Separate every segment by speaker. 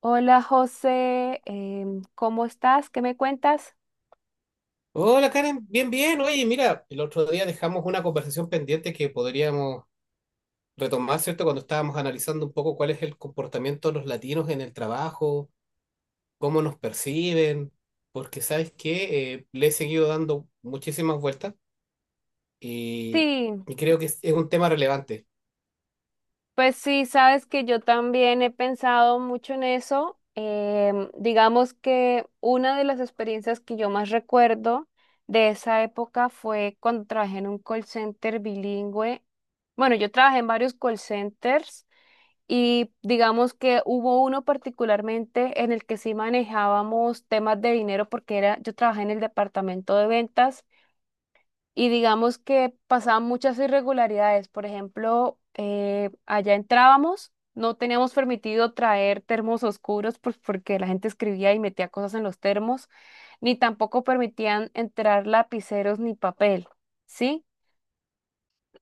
Speaker 1: Hola José, ¿cómo estás? ¿Qué me cuentas?
Speaker 2: Hola Karen, bien, bien. Oye, mira, el otro día dejamos una conversación pendiente que podríamos retomar, ¿cierto? Cuando estábamos analizando un poco cuál es el comportamiento de los latinos en el trabajo, cómo nos perciben, porque sabes que le he seguido dando muchísimas vueltas y,
Speaker 1: Sí,
Speaker 2: y creo que es un tema relevante.
Speaker 1: pues sí, sabes que yo también he pensado mucho en eso. Digamos que una de las experiencias que yo más recuerdo de esa época fue cuando trabajé en un call center bilingüe. Bueno, yo trabajé en varios call centers y digamos que hubo uno particularmente en el que sí manejábamos temas de dinero porque era, yo trabajé en el departamento de ventas. Y digamos que pasaban muchas irregularidades. Por ejemplo, allá entrábamos, no teníamos permitido traer termos oscuros pues, porque la gente escribía y metía cosas en los termos, ni tampoco permitían entrar lapiceros ni papel, ¿sí?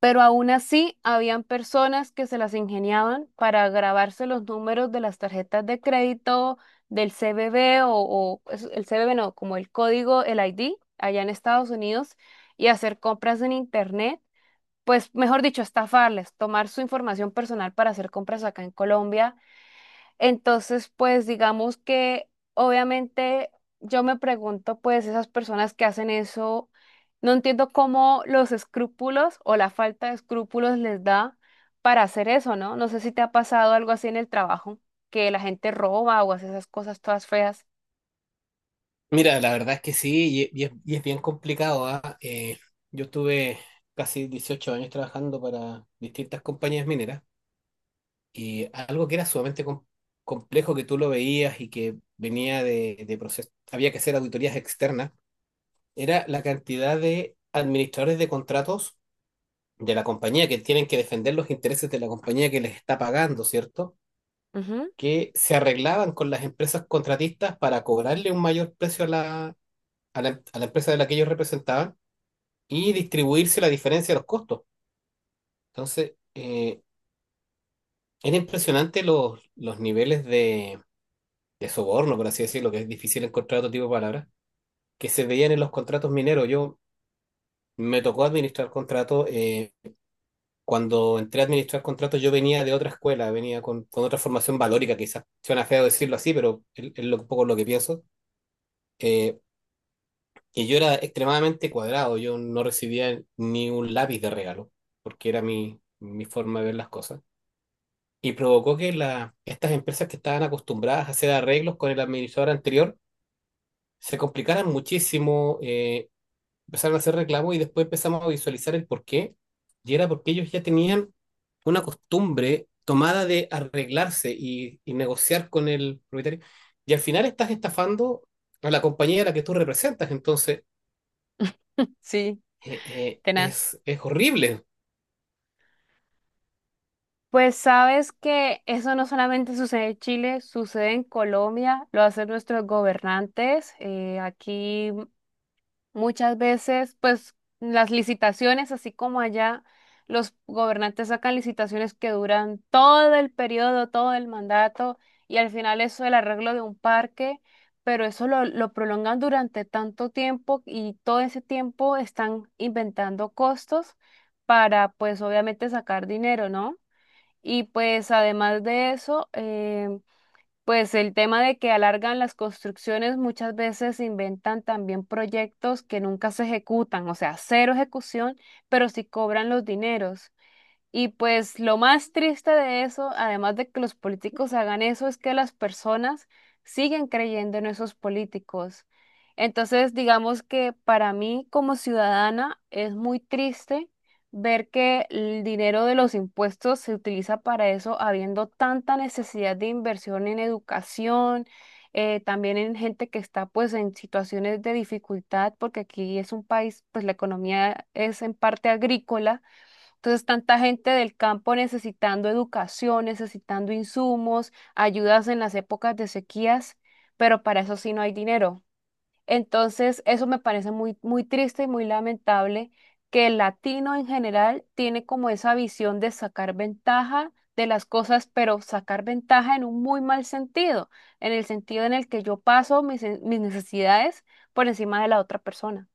Speaker 1: Pero aún así, habían personas que se las ingeniaban para grabarse los números de las tarjetas de crédito del CBB o el CBB no, como el código, el ID, allá en Estados Unidos, y hacer compras en Internet. Pues, mejor dicho, estafarles, tomar su información personal para hacer compras acá en Colombia. Entonces, pues digamos que obviamente yo me pregunto, pues esas personas que hacen eso, no entiendo cómo los escrúpulos o la falta de escrúpulos les da para hacer eso, ¿no? No sé si te ha pasado algo así en el trabajo, que la gente roba o hace esas cosas todas feas.
Speaker 2: Mira, la verdad es que sí, y es bien complicado, ¿ah? Yo estuve casi 18 años trabajando para distintas compañías mineras. Y algo que era sumamente complejo que tú lo veías y que venía de proceso, había que hacer auditorías externas, era la cantidad de administradores de contratos de la compañía que tienen que defender los intereses de la compañía que les está pagando, ¿cierto?
Speaker 1: Ujú.
Speaker 2: Que se arreglaban con las empresas contratistas para cobrarle un mayor precio a la empresa de la que ellos representaban y distribuirse la diferencia de los costos. Entonces, era impresionante los niveles de soborno, por así decirlo, que es difícil encontrar otro tipo de palabras, que se veían en los contratos mineros. Yo me tocó administrar contratos. Cuando entré a administrar contratos, yo venía de otra escuela, venía con otra formación valórica, quizás suena feo decirlo así, pero es un poco lo que pienso. Eh, y yo era extremadamente cuadrado, yo no recibía ni un lápiz de regalo, porque era mi forma de ver las cosas. Y provocó que estas empresas que estaban acostumbradas a hacer arreglos con el administrador anterior, se complicaran muchísimo, empezaron a hacer reclamos y después empezamos a visualizar el por qué. Y era porque ellos ya tenían una costumbre tomada de arreglarse y negociar con el propietario. Y al final estás estafando a la compañía a la que tú representas. Entonces,
Speaker 1: Sí, tenaz.
Speaker 2: es horrible.
Speaker 1: Pues sabes que eso no solamente sucede en Chile, sucede en Colombia, lo hacen nuestros gobernantes. Aquí muchas veces, pues las licitaciones, así como allá, los gobernantes sacan licitaciones que duran todo el periodo, todo el mandato, y al final eso el arreglo de un parque, pero eso lo prolongan durante tanto tiempo y todo ese tiempo están inventando costos para, pues obviamente, sacar dinero, ¿no? Y pues además de eso, pues el tema de que alargan las construcciones, muchas veces inventan también proyectos que nunca se ejecutan, o sea, cero ejecución, pero sí cobran los dineros. Y pues lo más triste de eso, además de que los políticos hagan eso, es que las personas siguen creyendo en esos políticos. Entonces, digamos que para mí como ciudadana es muy triste ver que el dinero de los impuestos se utiliza para eso, habiendo tanta necesidad de inversión en educación, también en gente que está pues en situaciones de dificultad, porque aquí es un país, pues la economía es en parte agrícola. Entonces, tanta gente del campo necesitando educación, necesitando insumos, ayudas en las épocas de sequías, pero para eso sí no hay dinero. Entonces, eso me parece muy, muy triste y muy lamentable que el latino en general tiene como esa visión de sacar ventaja de las cosas, pero sacar ventaja en un muy mal sentido en el que yo paso mis necesidades por encima de la otra persona.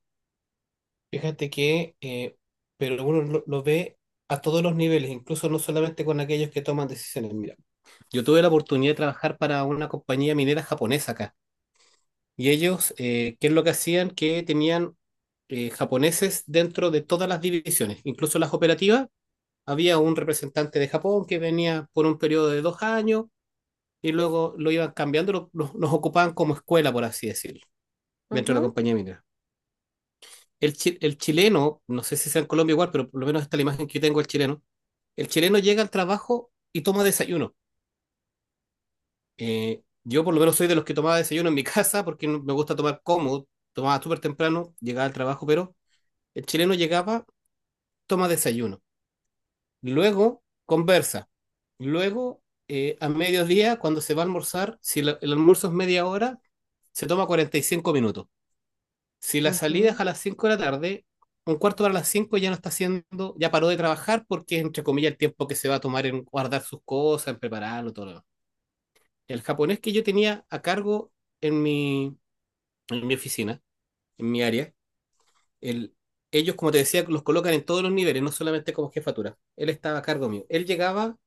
Speaker 2: Fíjate que, pero uno lo ve a todos los niveles, incluso no solamente con aquellos que toman decisiones. Mira, yo tuve la oportunidad de trabajar para una compañía minera japonesa acá. Y ellos, ¿qué es lo que hacían? Que tenían japoneses dentro de todas las divisiones, incluso las operativas. Había un representante de Japón que venía por un periodo de 2 años y luego lo iban cambiando, los ocupaban como escuela, por así decirlo, dentro de la
Speaker 1: Ujú,
Speaker 2: compañía minera. El chileno, no sé si sea en Colombia igual, pero por lo menos esta es la imagen que yo tengo del chileno. El chileno llega al trabajo y toma desayuno. Yo por lo menos soy de los que tomaba desayuno en mi casa porque me gusta tomar cómodo. Tomaba súper temprano, llegaba al trabajo, pero el chileno llegaba, toma desayuno, luego conversa, luego a mediodía, cuando se va a almorzar, si el almuerzo es media hora, se toma 45 minutos. Si la salida es
Speaker 1: ujú.
Speaker 2: a las 5 de la tarde, un cuarto para las 5 ya no está haciendo, ya paró de trabajar porque es entre comillas el tiempo que se va a tomar en guardar sus cosas, en prepararlo, todo lo demás. El japonés que yo tenía a cargo en mi, en mi oficina, en mi área, el, ellos, como te decía, los colocan en todos los niveles, no solamente como jefatura. Él estaba a cargo mío. Él llegaba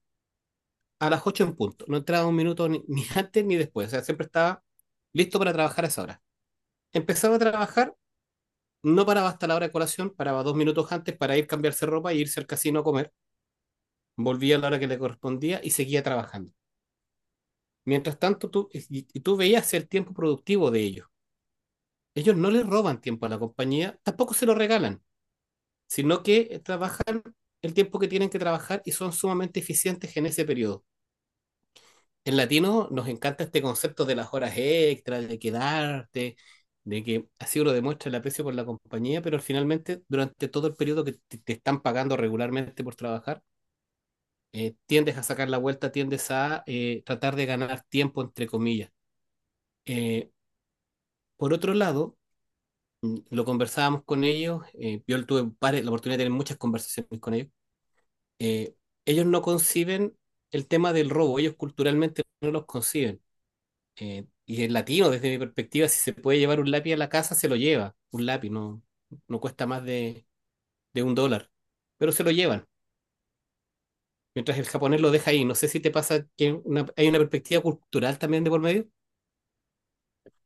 Speaker 2: a las 8 en punto, no entraba un minuto ni antes ni después, o sea, siempre estaba listo para trabajar a esa hora. Empezaba a trabajar, no paraba hasta la hora de colación, paraba 2 minutos antes para ir cambiarse ropa y e irse al casino a comer, volvía a la hora que le correspondía y seguía trabajando. Mientras tanto, y tú veías el tiempo productivo de ellos. Ellos no le roban tiempo a la compañía, tampoco se lo regalan, sino que trabajan el tiempo que tienen que trabajar y son sumamente eficientes en ese periodo. En latino nos encanta este concepto de las horas extras, de quedarte, de que así uno demuestra el aprecio por la compañía, pero finalmente durante todo el periodo que te están pagando regularmente por trabajar, tiendes a sacar la vuelta, tiendes a tratar de ganar tiempo, entre comillas. Eh, por otro lado, lo conversábamos con ellos, yo tuve la oportunidad de tener muchas conversaciones con ellos, eh, ellos no conciben el tema del robo, ellos culturalmente no los conciben. Y el latino, desde mi perspectiva, si se puede llevar un lápiz a la casa, se lo lleva. Un lápiz no cuesta más de $1, pero se lo llevan. Mientras el japonés lo deja ahí. No sé si te pasa que hay una perspectiva cultural también de por medio.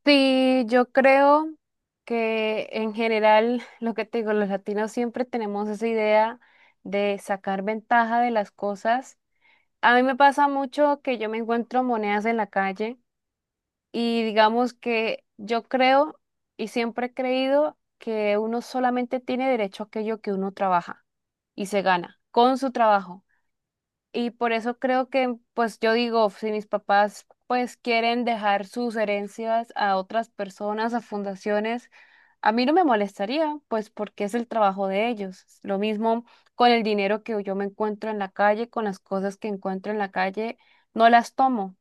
Speaker 1: Sí, yo creo que en general, lo que te digo, los latinos siempre tenemos esa idea de sacar ventaja de las cosas. A mí me pasa mucho que yo me encuentro monedas en la calle y digamos que yo creo y siempre he creído que uno solamente tiene derecho a aquello que uno trabaja y se gana con su trabajo. Y por eso creo que, pues yo digo, si mis papás pues quieren dejar sus herencias a otras personas, a fundaciones, a mí no me molestaría, pues porque es el trabajo de ellos. Lo mismo con el dinero que yo me encuentro en la calle, con las cosas que encuentro en la calle, no las tomo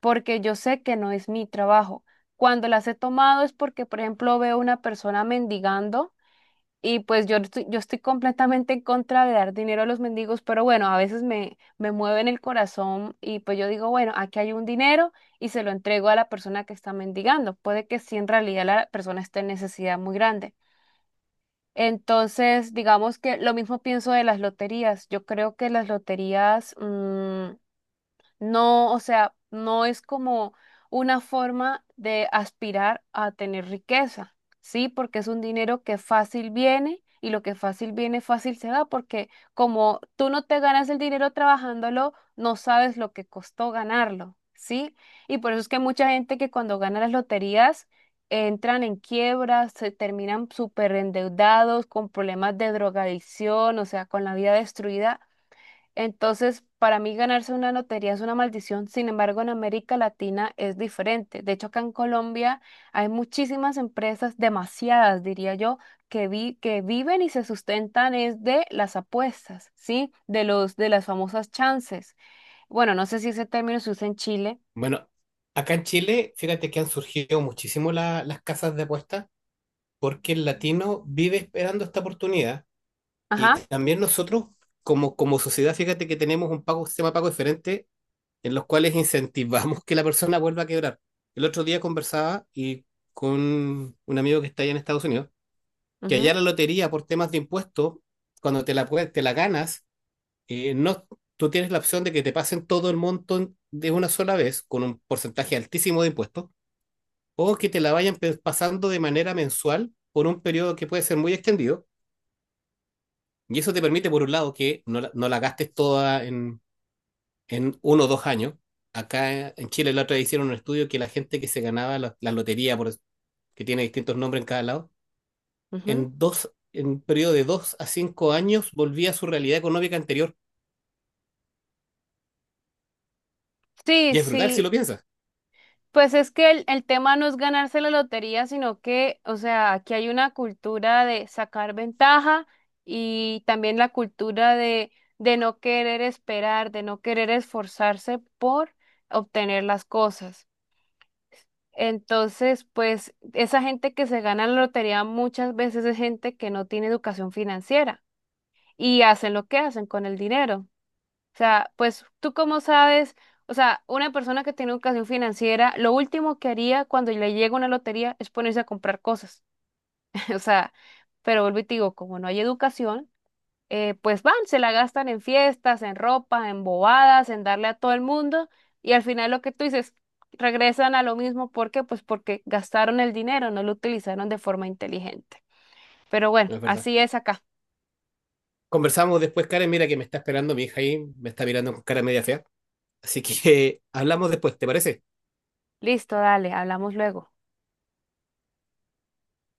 Speaker 1: porque yo sé que no es mi trabajo. Cuando las he tomado es porque, por ejemplo, veo una persona mendigando. Y pues yo estoy completamente en contra de dar dinero a los mendigos, pero bueno, a veces me mueven el corazón y pues yo digo, bueno, aquí hay un dinero y se lo entrego a la persona que está mendigando. Puede que sí, en realidad la persona esté en necesidad muy grande. Entonces, digamos que lo mismo pienso de las loterías. Yo creo que las loterías, mm, no, o sea, no es como una forma de aspirar a tener riqueza, ¿sí? Porque es un dinero que fácil viene y lo que fácil viene, fácil se da, porque como tú no te ganas el dinero trabajándolo, no sabes lo que costó ganarlo, ¿sí? Y por eso es que mucha gente que cuando gana las loterías entran en quiebras, se terminan súper endeudados, con problemas de drogadicción, o sea, con la vida destruida. Entonces, para mí ganarse una lotería es una maldición, sin embargo, en América Latina es diferente. De hecho, acá en Colombia hay muchísimas empresas, demasiadas, diría yo, que viven y se sustentan es de las apuestas, ¿sí? De las famosas chances. Bueno, no sé si ese término se usa en Chile.
Speaker 2: Bueno, acá en Chile, fíjate que han surgido muchísimo las casas de apuestas porque el latino vive esperando esta oportunidad. Y
Speaker 1: Ajá.
Speaker 2: también nosotros, como sociedad, fíjate que tenemos un pago, un sistema de pago diferente en los cuales incentivamos que la persona vuelva a quebrar. El otro día conversaba y con un amigo que está allá en Estados Unidos, que allá
Speaker 1: Ujú,
Speaker 2: la lotería por temas de impuestos, cuando te la ganas, no, tú tienes la opción de que te pasen todo el monto de una sola vez con un porcentaje altísimo de impuestos, o que te la vayan pasando de manera mensual por un periodo que puede ser muy extendido. Y eso te permite, por un lado, que no la gastes toda en 1 o 2 años. Acá en Chile la otra vez hicieron un estudio que la gente que se ganaba la lotería, que tiene distintos nombres en cada lado,
Speaker 1: ujú.
Speaker 2: en un periodo de 2 a 5 años volvía a su realidad económica anterior.
Speaker 1: Sí,
Speaker 2: Y es brutal si
Speaker 1: sí.
Speaker 2: lo piensas,
Speaker 1: Pues es que el tema no es ganarse la lotería, sino que, o sea, aquí hay una cultura de sacar ventaja y también la cultura de no querer esperar, de no querer esforzarse por obtener las cosas. Entonces, pues esa gente que se gana la lotería muchas veces es gente que no tiene educación financiera y hacen lo que hacen con el dinero. O sea, pues tú cómo sabes, o sea, una persona que tiene educación financiera, lo último que haría cuando le llega una lotería es ponerse a comprar cosas. O sea, pero vuelvo y te digo, como no hay educación, pues van, se la gastan en fiestas, en ropa, en bobadas, en darle a todo el mundo y al final lo que tú dices, regresan a lo mismo. ¿Por qué? Pues porque gastaron el dinero, no lo utilizaron de forma inteligente. Pero bueno,
Speaker 2: ¿no es verdad?
Speaker 1: así es acá.
Speaker 2: Conversamos después, Karen, mira que me está esperando mi hija ahí, me está mirando con cara media fea. Así que hablamos después, ¿te parece?
Speaker 1: Listo, dale, hablamos luego.